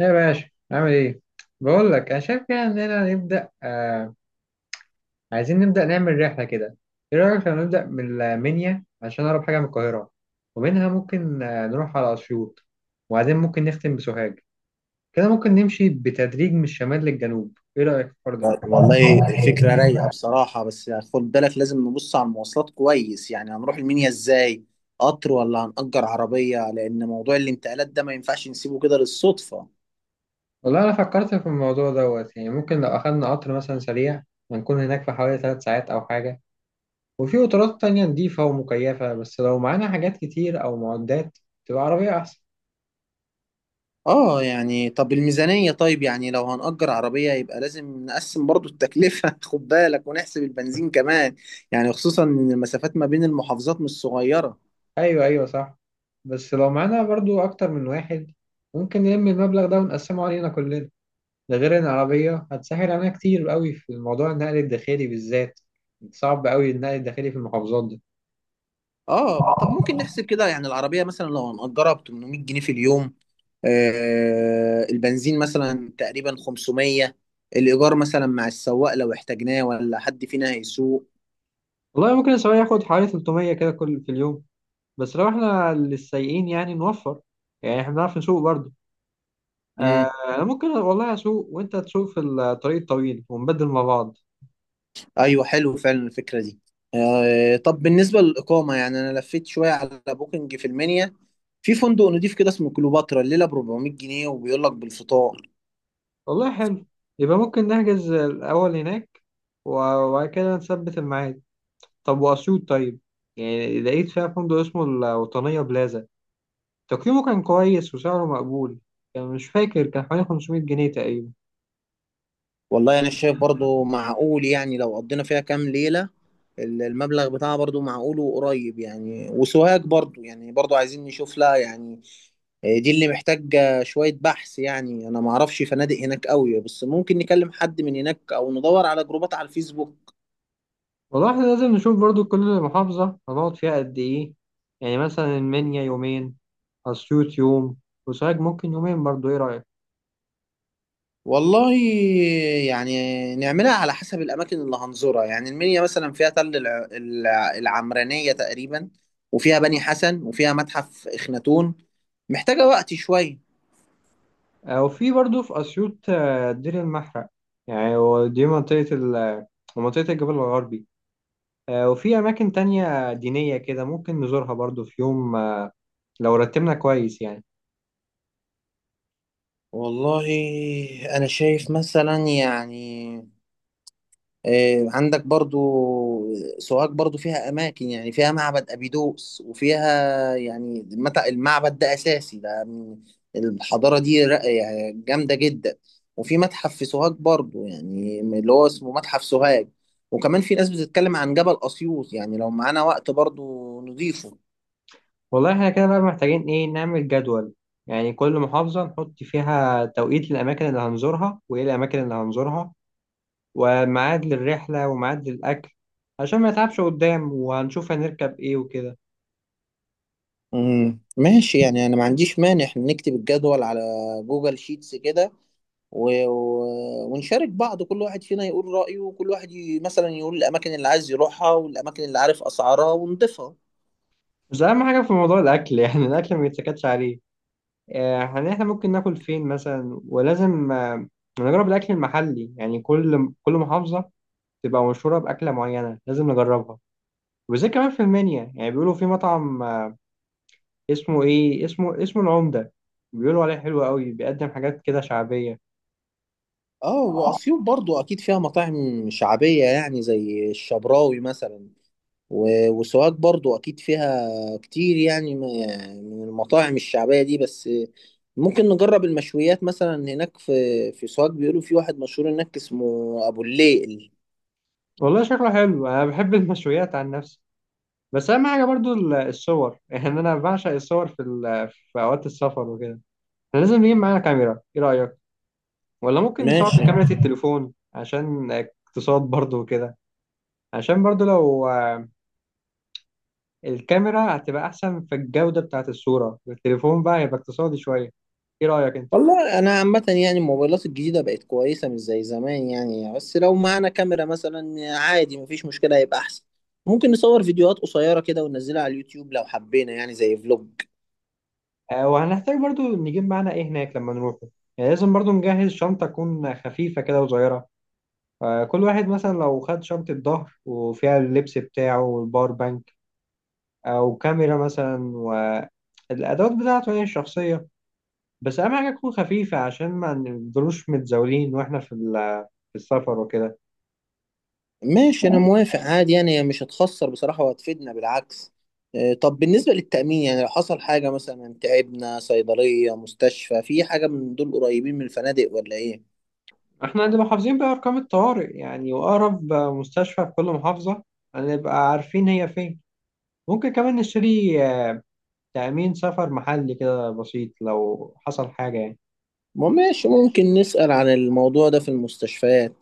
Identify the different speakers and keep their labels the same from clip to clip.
Speaker 1: يا باشا عامل ايه؟ بقول لك انا شايف كده اننا نبدا، عايزين نبدا نعمل رحله كده. ايه رايك لو نبدا من المنيا عشان اقرب حاجه من القاهره؟ ومنها ممكن نروح على اسيوط، وبعدين ممكن نختم بسوهاج. كده ممكن نمشي بتدريج من الشمال للجنوب. ايه رايك في الحوار ده؟
Speaker 2: والله، فكرة رايقة بصراحة. بس خد بالك، لازم نبص على المواصلات كويس. يعني هنروح المنيا ازاي؟ قطر ولا هنأجر عربية؟ لأن موضوع الانتقالات ده ما ينفعش نسيبه كده للصدفة.
Speaker 1: والله انا فكرت في الموضوع دوت. يعني ممكن لو اخدنا قطر مثلا سريع هنكون هناك في حوالي 3 ساعات او حاجه، وفي قطارات تانية نضيفة ومكيفة. بس لو معانا حاجات كتير أو معدات تبقى عربية أحسن.
Speaker 2: اه يعني، طب الميزانية، طيب يعني لو هنأجر عربية يبقى لازم نقسم برضو التكلفة خد بالك، ونحسب البنزين كمان. يعني خصوصا إن المسافات ما بين المحافظات مش صغيرة.
Speaker 1: ايوه، ايوه، صح. بس لو معانا برضو اكتر من واحد ممكن نلم المبلغ ده ونقسمه علينا كلنا. ده غير ان العربيه هتسهل علينا كتير قوي في موضوع النقل الداخلي بالذات. صعب قوي النقل الداخلي في المحافظات دي.
Speaker 2: اه، طب ممكن نحسب كده. يعني العربية مثلا لو هنأجرها ب 800 جنيه في اليوم، البنزين مثلا تقريبا 500، الإيجار مثلا مع السواق لو احتاجناه ولا حد فينا هيسوق.
Speaker 1: والله ممكن السواق ياخد حوالي 300 كده كل في اليوم، بس لو احنا للسايقين يعني نوفر، يعني احنا بنعرف نسوق برضو. آه،
Speaker 2: مم.
Speaker 1: انا ممكن والله اسوق وانت تسوق في الطريق الطويل ونبدل مع بعض.
Speaker 2: أيوه، حلو فعلا الفكرة دي. طب بالنسبة للإقامة، يعني أنا لفيت شوية على بوكينج في المنيا، في فندق نضيف كده اسمه كليوباترا، الليلة ب 400 جنيه وبيقول لك بالفطار.
Speaker 1: والله حلو. يبقى ممكن نحجز الاول هناك وبعد كده نثبت الميعاد. طب وأسيوط طيب، يعني لقيت فيها فندق اسمه الوطنية بلازا، تقييمه كان كويس وسعره مقبول، كان مش فاكر، كان حوالي 500 جنيه تقريبا.
Speaker 2: والله أنا شايف برضو معقول. يعني لو قضينا فيها كام ليلة، المبلغ بتاعها برضو معقول وقريب. يعني وسوهاج برضو، يعني برضو عايزين نشوف لها يعني. دي اللي محتاجة شوية بحث. يعني أنا معرفش فنادق هناك قوي، بس ممكن نكلم حد من هناك أو ندور على جروبات على الفيسبوك.
Speaker 1: والله احنا لازم نشوف برضو كل محافظة هنقعد فيها قد إيه. يعني مثلا المنيا يومين، أسيوط يوم، وسوهاج ممكن يومين برضو. إيه رأيك؟
Speaker 2: والله، يعني نعملها على حسب الأماكن اللي هنزورها. يعني المنيا مثلا فيها تل العمرانية تقريبا، وفيها بني حسن، وفيها متحف إخناتون. محتاجة وقت شوية.
Speaker 1: أو في برضو في أسيوط، دير المحرق، يعني هو دي منطقة منطقة الجبل الغربي. وفي أماكن تانية دينية كده ممكن نزورها برضو في يوم، لو رتبنا كويس يعني.
Speaker 2: والله أنا شايف مثلا يعني، عندك برضو سوهاج، برضو فيها أماكن. يعني فيها معبد أبيدوس، وفيها يعني المعبد ده أساسي، ده الحضارة دي يعني جامدة جدا. وفي متحف في سوهاج برضو، يعني اللي هو اسمه متحف سوهاج. وكمان في ناس بتتكلم عن جبل أسيوط. يعني لو معانا وقت برضو نضيفه.
Speaker 1: والله احنا كده بقى محتاجين ايه، نعمل جدول، يعني كل محافظة نحط فيها توقيت للأماكن اللي هنزورها وإيه الأماكن اللي هنزورها وميعاد للرحلة وميعاد للأكل عشان ما نتعبش قدام، وهنشوف هنركب إيه وكده.
Speaker 2: مم. ماشي، يعني أنا ما عنديش مانع إحنا نكتب الجدول على جوجل شيتس كده، و... و... ونشارك بعض، كل واحد فينا يقول رأيه، وكل واحد مثلا يقول الأماكن اللي عايز يروحها والأماكن اللي عارف أسعارها ونضيفها.
Speaker 1: بس أهم حاجة في موضوع الأكل يعني الأكل ما يتسكتش عليه. يعني إحنا ممكن ناكل فين مثلا، ولازم، نجرب الأكل المحلي. يعني كل محافظة تبقى مشهورة بأكلة معينة لازم نجربها. وزي كمان في المنيا يعني بيقولوا في مطعم، اسمه ايه، اسمه العمدة، بيقولوا عليه حلو قوي، بيقدم حاجات كده شعبية.
Speaker 2: اه، وأسيوط برضو أكيد فيها مطاعم شعبية، يعني زي الشبراوي مثلا. وسوهاج برضو أكيد فيها كتير، يعني من المطاعم الشعبية دي. بس ممكن نجرب المشويات مثلا هناك، في سوهاج بيقولوا في واحد مشهور هناك اسمه أبو الليل.
Speaker 1: والله شكله حلو، انا بحب المشويات عن نفسي. بس اهم حاجة برضو الصور. يعني انا بعشق الصور في اوقات السفر وكده. احنا لازم نجيب معانا كاميرا، ايه رأيك؟ ولا ممكن نصور
Speaker 2: ماشي.
Speaker 1: بكاميرا التليفون عشان اقتصاد برضو وكده. عشان برضو لو، الكاميرا هتبقى احسن في الجودة بتاعت الصورة، التليفون بقى هيبقى اقتصادي شوية. ايه رأيك انت؟
Speaker 2: والله انا عامه، يعني الموبايلات الجديده بقت كويسه، مش زي زمان يعني. بس لو معانا كاميرا مثلا عادي مفيش مشكله، هيبقى احسن. ممكن نصور فيديوهات قصيره كده وننزلها على اليوتيوب لو حبينا، يعني زي فلوج.
Speaker 1: وهنحتاج برضو نجيب معانا ايه هناك لما نروح. يعني لازم برضو نجهز شنطة تكون خفيفة كده وصغيرة. كل واحد مثلا لو خد شنطة ظهر وفيها اللبس بتاعه والباور بانك، أو كاميرا مثلا، والأدوات بتاعته هي الشخصية. بس أهم حاجة تكون خفيفة عشان ما نفضلوش متزاولين، وإحنا في في السفر وكده.
Speaker 2: ماشي، انا موافق عادي. يعني هي مش هتخسر بصراحه وهتفيدنا بالعكس. طب بالنسبه للتامين، يعني لو حصل حاجه مثلا تعبنا، صيدليه، مستشفى، في حاجه من دول قريبين من الفنادق ولا ايه؟
Speaker 1: إحنا هنبقى حافظين بقى أرقام الطوارئ، يعني وأقرب مستشفى في كل محافظة هنبقى عارفين هي فين. ممكن كمان نشتري تأمين سفر محلي كده بسيط لو حصل حاجة يعني.
Speaker 2: ما ماشي، ممكن نسأل عن الموضوع ده في المستشفيات.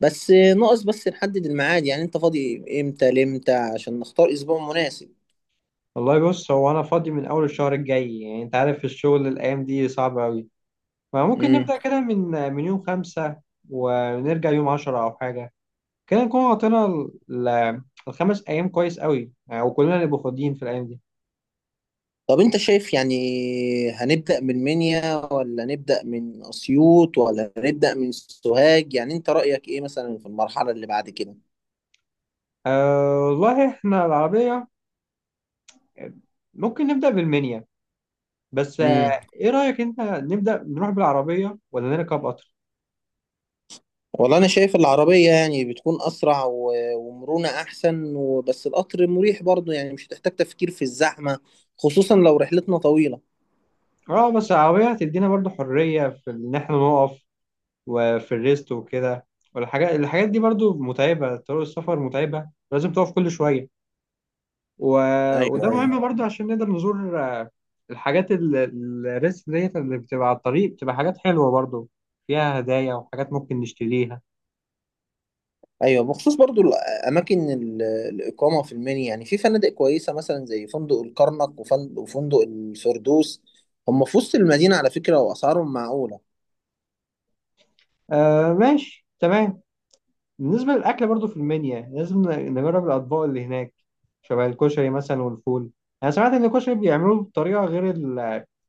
Speaker 2: بس ناقص بس نحدد الميعاد. يعني انت فاضي امتى لامتى عشان نختار اسبوع مناسب؟
Speaker 1: والله بص، هو أنا فاضي من أول الشهر الجاي. يعني أنت عارف الشغل الأيام دي صعب أوي، فممكن
Speaker 2: امم
Speaker 1: نبدأ كده من يوم 5 ونرجع يوم 10 أو حاجة. كده نكون غطينا الخمس أيام كويس أوي يعني، وكلنا نبقى فاضيين في الأيام دي.
Speaker 2: طب انت شايف يعني، هنبدأ من منيا ولا نبدأ من اسيوط ولا نبدأ من سوهاج؟ يعني انت رأيك ايه مثلا في المرحلة اللي بعد كده؟
Speaker 1: أه والله إحنا العربية ممكن نبدأ بالمنيا. بس،
Speaker 2: امم
Speaker 1: إيه رأيك أنت، نبدأ نروح بالعربية ولا نركب قطر؟
Speaker 2: والله انا شايف العربية، يعني بتكون اسرع ومرونة احسن. وبس القطر مريح برضو، يعني مش هتحتاج تفكير في الزحمة، خصوصا لو رحلتنا طويلة.
Speaker 1: اه، بس العربية هتدينا برضو حرية في إن إحنا نقف وفي الريست وكده. والحاجات دي برضو متعبة، طرق السفر متعبة، لازم تقف كل شوية و... وده
Speaker 2: ايوه،
Speaker 1: مهم
Speaker 2: ايوه.
Speaker 1: برضو عشان نقدر نزور، الحاجات الريست ديت اللي بتبقى على الطريق بتبقى حاجات حلوة برضو، فيها هدايا وحاجات ممكن نشتريها.
Speaker 2: ايوه، بخصوص برضو الاماكن، الاقامه في المنيا يعني، في فنادق كويسه مثلا زي فندق الكرنك وفندق الفردوس. هم في وسط المدينه على فكره، واسعارهم معقوله.
Speaker 1: آه، ماشي تمام. بالنسبة للأكل برضو في المنيا لازم نجرب الأطباق اللي هناك، شبه الكشري مثلا والفول. أنا سمعت إن الكشري بيعملوه بطريقة غير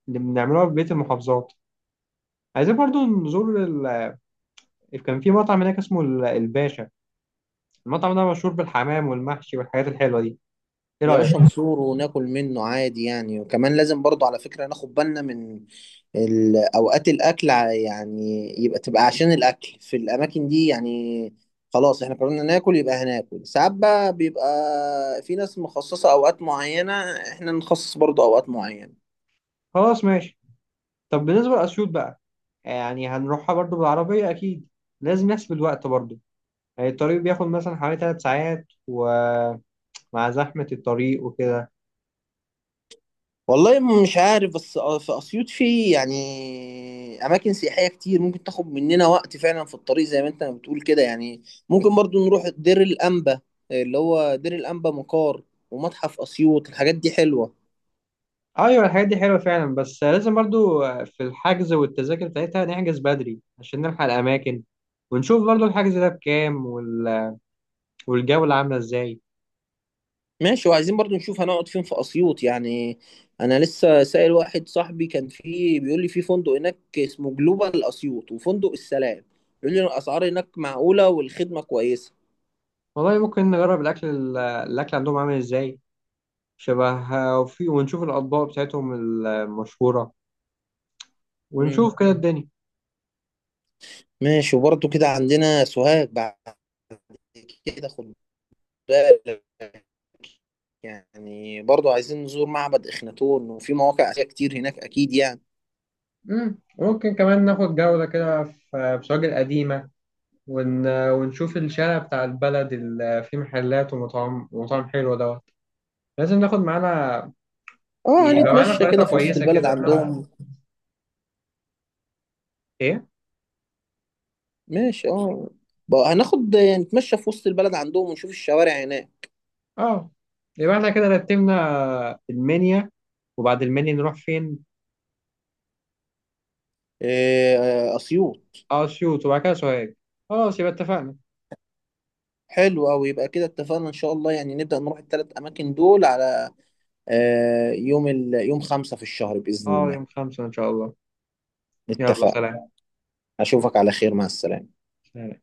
Speaker 1: اللي بنعملوها في بقية المحافظات. عايزين برضو نزور، كان في مطعم هناك اسمه الباشا. المطعم ده مشهور بالحمام والمحشي والحاجات الحلوة دي. ايه
Speaker 2: يا
Speaker 1: رأيك؟
Speaker 2: باشا، نزوره وناكل منه عادي يعني. وكمان لازم برضو على فكره ناخد بالنا من اوقات الاكل يعني يبقى تبقى عشان الاكل في الاماكن دي يعني. خلاص احنا قررنا ناكل، يبقى هناكل ساعات. بقى بيبقى في ناس مخصصه اوقات معينه، احنا نخصص برضو اوقات معينه.
Speaker 1: خلاص ماشي. طب بالنسبة لأسيوط بقى، يعني هنروحها برضو بالعربية أكيد، لازم نحسب الوقت برضو. يعني الطريق بياخد مثلا حوالي 3 ساعات، ومع زحمة الطريق وكده.
Speaker 2: والله مش عارف. بس في اسيوط في يعني اماكن سياحيه كتير ممكن تاخد مننا وقت فعلا في الطريق زي ما انت بتقول كده يعني. ممكن برضو نروح دير الانبا، اللي هو دير الانبا مقار، ومتحف اسيوط. الحاجات دي حلوه.
Speaker 1: أيوة، الحاجات دي حلوة فعلا، بس لازم برضو في الحجز والتذاكر بتاعتها نحجز بدري عشان نلحق الأماكن، ونشوف برضو الحجز ده بكام والجولة عاملة إزاي.
Speaker 2: ماشي، وعايزين برضو نشوف هنقعد فين في اسيوط. يعني انا لسه سائل واحد صاحبي كان فيه، بيقول لي في فندق هناك اسمه جلوبال اسيوط وفندق السلام. بيقول لي الاسعار هناك معقوله والخدمه كويسه.
Speaker 1: والله ممكن نجرب الأكل، الأكل عندهم عامل إزاي، شبه، وفي، ونشوف الأطباق بتاعتهم المشهورة،
Speaker 2: مم.
Speaker 1: ونشوف كده الدنيا.
Speaker 2: ماشي. وبرضه كده عندنا سوهاج بعد كده، خد بالك. يعني برضه عايزين نزور معبد إخناتون، وفي مواقع أثرية كتير هناك أكيد يعني.
Speaker 1: مم. ممكن كمان ناخد جولة كده في بسواق القديمة، ونشوف الشارع بتاع البلد اللي فيه محلات ومطاعم، ومطاعم حلوة دوت. لازم ناخد معانا،
Speaker 2: اه،
Speaker 1: يبقى معانا
Speaker 2: هنتمشى
Speaker 1: خريطة
Speaker 2: كده في وسط
Speaker 1: كويسة
Speaker 2: البلد
Speaker 1: كده نعرف
Speaker 2: عندهم.
Speaker 1: ايه.
Speaker 2: ماشي، اه، بقى هناخد نتمشى في وسط البلد عندهم، ونشوف الشوارع هناك.
Speaker 1: اه، يبقى احنا كده رتبنا المنيا، وبعد المنيا نروح فين؟
Speaker 2: إيه، أسيوط.
Speaker 1: اه، اسيوط، وبعد كده سوهاج. خلاص يبقى اتفقنا.
Speaker 2: حلو أوي، يبقى كده اتفقنا إن شاء الله. يعني نبدأ نروح الثلاث أماكن دول على، يوم 5 في الشهر بإذن
Speaker 1: اه،
Speaker 2: الله.
Speaker 1: يوم 5 ان شاء الله. يلا
Speaker 2: اتفقنا.
Speaker 1: سلام.
Speaker 2: أشوفك على خير، مع السلامة.
Speaker 1: سلام.